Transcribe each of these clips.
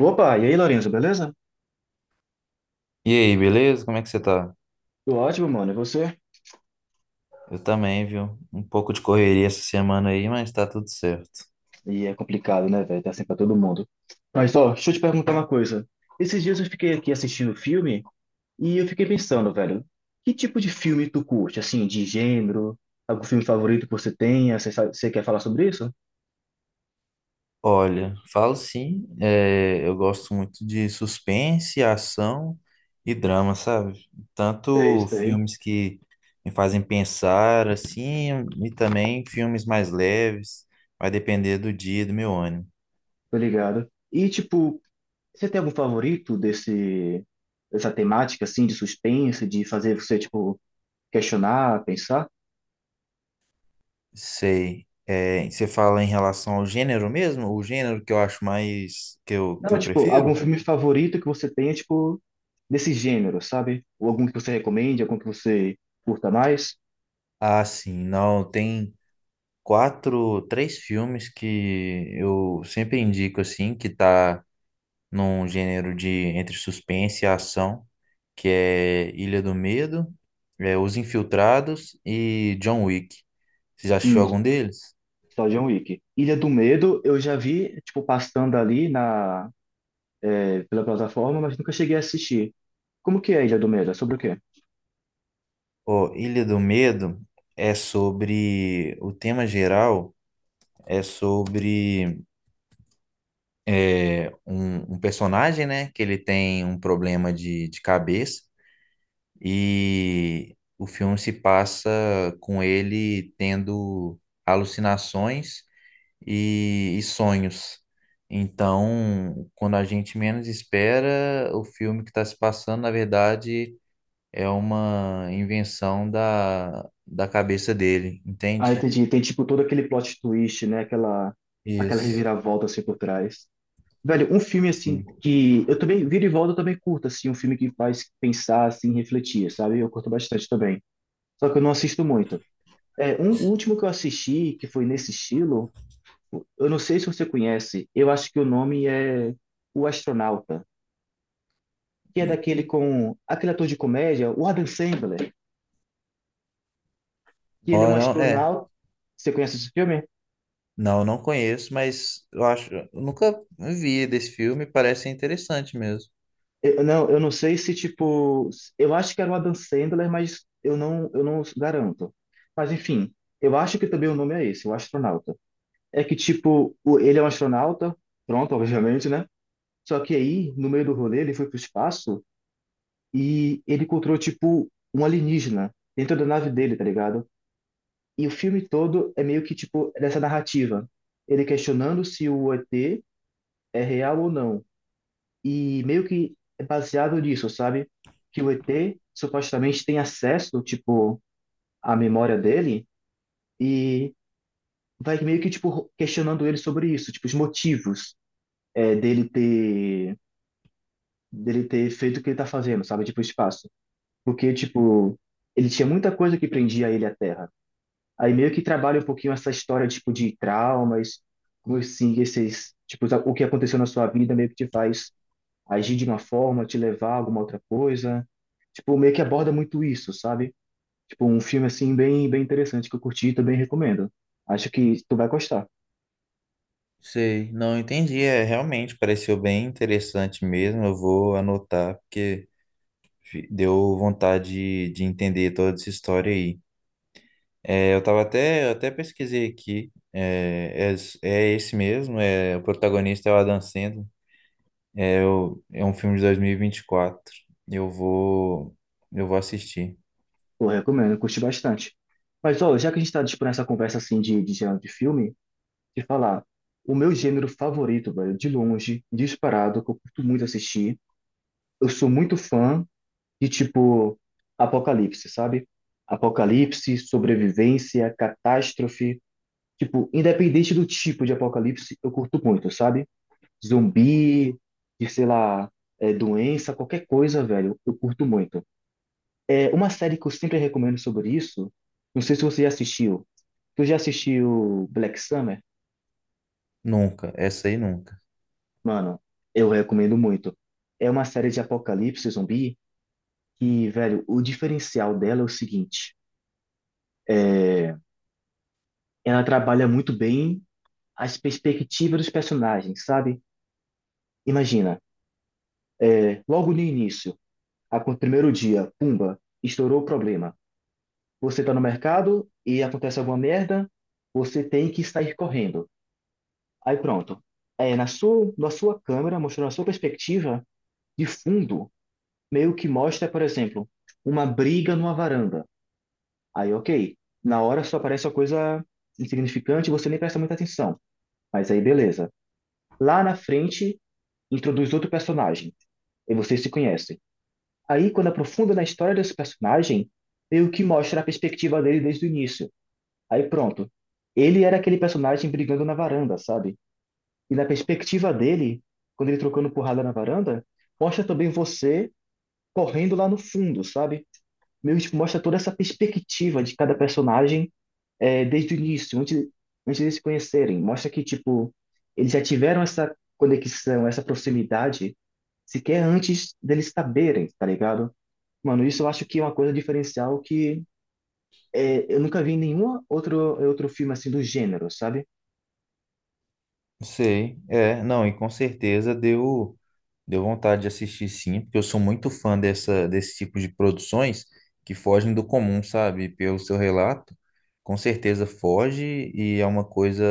Opa, e aí, Lorenzo, beleza? E aí, beleza? Como é que você tá? Tô ótimo, mano. E você? Eu também, viu? Um pouco de correria essa semana aí, mas tá tudo certo. É complicado, né, velho? Tá assim pra todo mundo. Mas, ó, deixa eu te perguntar uma coisa. Esses dias eu fiquei aqui assistindo filme e eu fiquei pensando, velho, que tipo de filme tu curte? Assim, de gênero? Algum filme favorito que você tenha? Você quer falar sobre isso? Olha, falo sim, eu gosto muito de suspense, ação e drama, sabe? É Tanto isso aí. filmes que me fazem pensar, assim, e também filmes mais leves, vai depender do dia, e do meu ânimo. Tô ligado. E, tipo, você tem algum favorito dessa temática, assim, de suspense, de fazer você, tipo, questionar, pensar? Sei. Você fala em relação ao gênero mesmo? O gênero que eu acho mais, que eu, que Não, eu tipo, algum prefiro? filme favorito que você tenha, tipo, desse gênero, sabe? Ou algum que você recomende, algum que você curta mais? Ah, sim, não, tem, quatro, três filmes que eu sempre indico assim, que tá num gênero de entre suspense e ação, que é Ilha do Medo, Os Infiltrados e John Wick. Você já assistiu Hum, algum deles? só John Wick. Ilha do Medo, eu já vi, tipo, passando ali na, pela plataforma, mas nunca cheguei a assistir. Como que é Ilha do Medo? É sobre o quê? Ó, Ilha do Medo é sobre o tema geral é sobre é, um personagem, né, que ele tem um problema de cabeça. E o filme se passa com ele tendo alucinações e sonhos. Então, quando a gente menos espera, o filme que está se passando, na verdade, é uma invenção da cabeça dele, Ah, entende? entendi. Tem, tipo, todo aquele plot twist, né? Aquela Isso, reviravolta, assim, por trás. Velho, um filme, assim, sim. que eu também, vira e volta, eu também curto, assim, um filme que faz pensar, assim, refletir, sabe? Eu curto bastante também. Só que eu não assisto muito. O último que eu assisti, que foi nesse estilo, eu não sei se você conhece, eu acho que o nome é O Astronauta, que é daquele com aquele ator de comédia, o Adam Sandler, que ele é um Não, não, astronauta. Você conhece esse filme? não, não conheço, mas eu nunca vi desse filme, parece ser interessante mesmo. Eu não sei se tipo, eu acho que era o Adam Sandler, mas eu não garanto. Mas enfim, eu acho que também o nome é esse, O Astronauta. É que tipo, ele é um astronauta, pronto, obviamente, né? Só que aí, no meio do rolê, ele foi pro espaço e ele encontrou, tipo, um alienígena dentro da nave dele, tá ligado? E o filme todo é meio que, tipo, dessa narrativa. Ele questionando se o ET é real ou não. E meio que é baseado nisso, sabe? Que o ET supostamente tem acesso, tipo, à memória dele e vai meio que, tipo, questionando ele sobre isso, tipo, os motivos é, dele ter, dele ter feito o que ele tá fazendo, sabe? Tipo, o espaço. Porque, tipo, ele tinha muita coisa que prendia ele à Terra. Aí meio que trabalha um pouquinho essa história, tipo, de traumas, como assim, esses, tipo, o que aconteceu na sua vida meio que te faz agir de uma forma, te levar a alguma outra coisa. Tipo, meio que aborda muito isso, sabe? Tipo, um filme, assim, bem, bem interessante que eu curti e também recomendo. Acho que tu vai gostar. Sei, não entendi. Realmente pareceu bem interessante mesmo. Eu vou anotar, porque deu vontade de entender toda essa história aí. É, eu até pesquisei aqui. É esse mesmo, o protagonista é o Adam Sandler. É um filme de dois mil e vinte e quatro. Eu vou, eu vou assistir. Eu recomendo, eu curti bastante. Mas, ó, já que a gente tá, tipo, nessa conversa, assim, de gênero de filme, de falar, o meu gênero favorito, velho, de longe, disparado, que eu curto muito assistir, eu sou muito fã de tipo Apocalipse, sabe? Apocalipse, sobrevivência, catástrofe. Tipo, independente do tipo de apocalipse, eu curto muito, sabe? Zumbi, de sei lá, doença, qualquer coisa, velho, eu curto muito. É uma série que eu sempre recomendo sobre isso. Não sei se você já assistiu. Tu já assistiu Black Summer? Nunca, essa aí nunca. Mano, eu recomendo muito. É uma série de apocalipse zumbi que, velho, o diferencial dela é o seguinte: ela trabalha muito bem as perspectivas dos personagens, sabe? Imagina, logo no início, no primeiro dia, pumba, estourou o problema. Você tá no mercado e acontece alguma merda, você tem que sair correndo. Aí pronto. Na sua câmera, mostrando a sua perspectiva de fundo, meio que mostra, por exemplo, uma briga numa varanda. Aí, ok. Na hora só aparece uma coisa insignificante, você nem presta muita atenção. Mas aí, beleza. Lá na frente, introduz outro personagem e vocês se conhecem. Aí, quando aprofunda na história desse personagem, meio que mostra a perspectiva dele desde o início. Aí, pronto. Ele era aquele personagem brigando na varanda, sabe? E na perspectiva dele, quando ele trocando porrada na varanda, mostra também você correndo lá no fundo, sabe? Meio que mostra toda essa perspectiva de cada personagem desde o início, antes de se conhecerem. Mostra que, tipo, eles já tiveram essa conexão, essa proximidade, sequer antes deles saberem, tá ligado? Mano, isso eu acho que é uma coisa diferencial que eu nunca vi em outro filme assim do gênero, sabe? Sei, é, não, e com certeza deu. Deu vontade de assistir sim, porque eu sou muito fã desse tipo de produções que fogem do comum, sabe? Pelo seu relato, com certeza foge e é uma coisa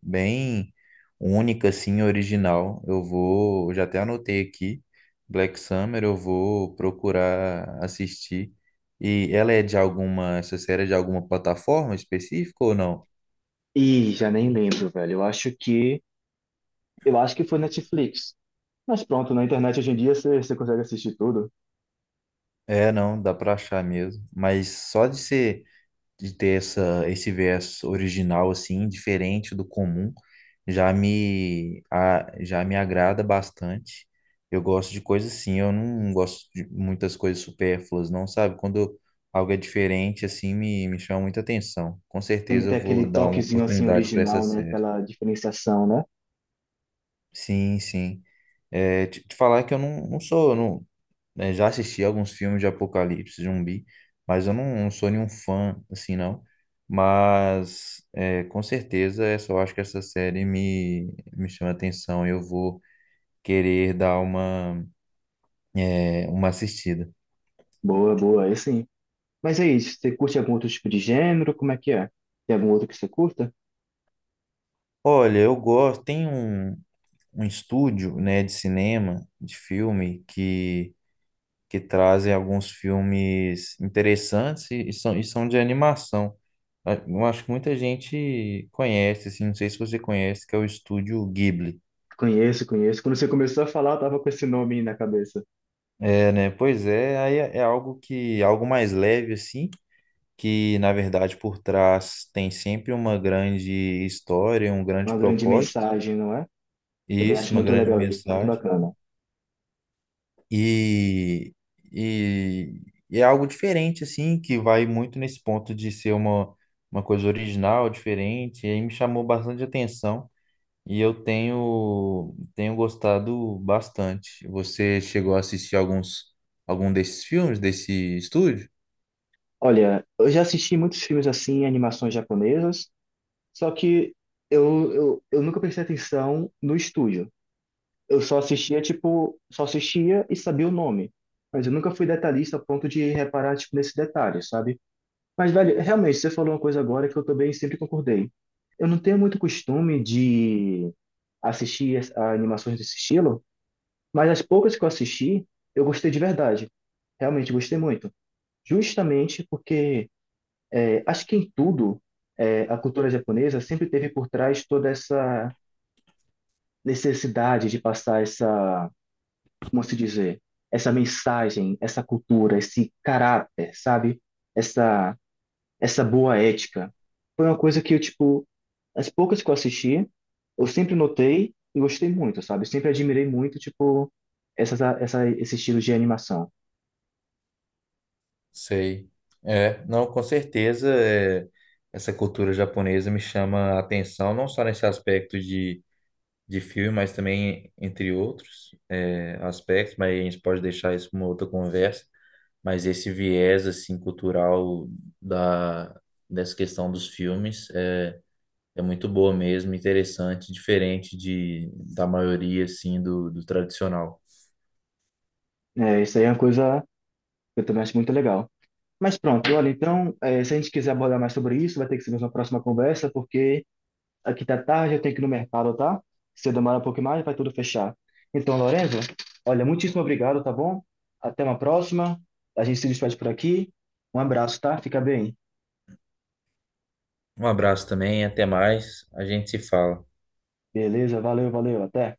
bem única, assim, original. Já até anotei aqui, Black Summer, eu vou procurar assistir. E ela é de alguma, essa série é de alguma plataforma específica ou não? E já nem lembro, velho. Eu acho que foi Netflix. Mas pronto, na internet hoje em dia você consegue assistir tudo. É, não, dá pra achar mesmo. Mas só de ser de ter esse viés original, assim, diferente do comum, já já me agrada bastante. Eu gosto de coisas assim, eu não gosto de muitas coisas supérfluas, não, sabe? Quando algo é diferente, assim, me chama muita atenção. Com Tem que certeza ter eu vou aquele dar uma toquezinho assim oportunidade para essa original, né? série. Aquela diferenciação, né? Sim, sim. É, te falar que eu não, não sou, não, né? Já assisti alguns filmes de apocalipse zumbi, mas eu não, não sou nenhum fã assim não. Mas com certeza essa, eu acho que essa série me chama atenção. Eu vou querer dar uma assistida. Boa, boa, aí sim. Mas é isso. Você curte algum outro tipo de gênero? Como é que é? Tem algum outro que você curta? Olha, eu gosto, tem um estúdio, né, de cinema, de filme, que trazem alguns filmes interessantes e são de animação. Ah, eu acho que muita gente conhece, assim, não sei se você conhece, que é o estúdio Ghibli. Conheço, conheço. Quando você começou a falar, eu tava com esse nome aí na cabeça. É, né? Pois é, aí é algo algo mais leve, assim, que na verdade por trás tem sempre uma grande história, um grande Uma grande propósito, mensagem, não é? e Também isso, acho uma muito grande legal isso, muito mensagem. bacana. E, e, e é algo diferente, assim, que vai muito nesse ponto de ser uma coisa original, diferente, e aí me chamou bastante atenção. E eu tenho gostado bastante. Você chegou a assistir alguns algum desses filmes desse estúdio? Olha, eu já assisti muitos filmes assim, animações japonesas, só que eu nunca prestei atenção no estúdio. Eu só assistia, tipo, só assistia e sabia o nome. Mas eu nunca fui detalhista a ponto de reparar, tipo, nesses detalhes, sabe? Mas, velho, realmente, você falou uma coisa agora que eu também sempre concordei. Eu não tenho muito costume de assistir as- a animações desse estilo, mas as poucas que eu assisti, eu gostei de verdade. Realmente gostei muito. Justamente porque acho que em tudo, a cultura japonesa sempre teve por trás toda essa necessidade de passar essa, como se dizer, essa mensagem, essa cultura, esse caráter, sabe? Essa, essa boa ética. Foi uma coisa que eu, tipo, as poucas que eu assisti, eu sempre notei e gostei muito, sabe? Sempre admirei muito, tipo, esse estilo de animação. Sei. É, não, com certeza, essa cultura japonesa me chama a atenção, não só nesse aspecto de filme, mas também entre outros aspectos, mas a gente pode deixar isso para uma outra conversa. Mas esse viés assim cultural da dessa questão dos filmes é muito boa mesmo, interessante, diferente da maioria, assim, do tradicional. É, isso aí é uma coisa que eu também acho muito legal. Mas pronto, olha, então, se a gente quiser abordar mais sobre isso, vai ter que ser uma próxima conversa, porque aqui tá tarde, eu tenho que ir no mercado, tá? Se eu demorar um pouco mais, vai tudo fechar. Então, Lorenzo, olha, muitíssimo obrigado, tá bom? Até uma próxima. A gente se despede por aqui. Um abraço, tá? Fica bem. Um abraço também, até mais. A gente se fala. Beleza, valeu, valeu, até.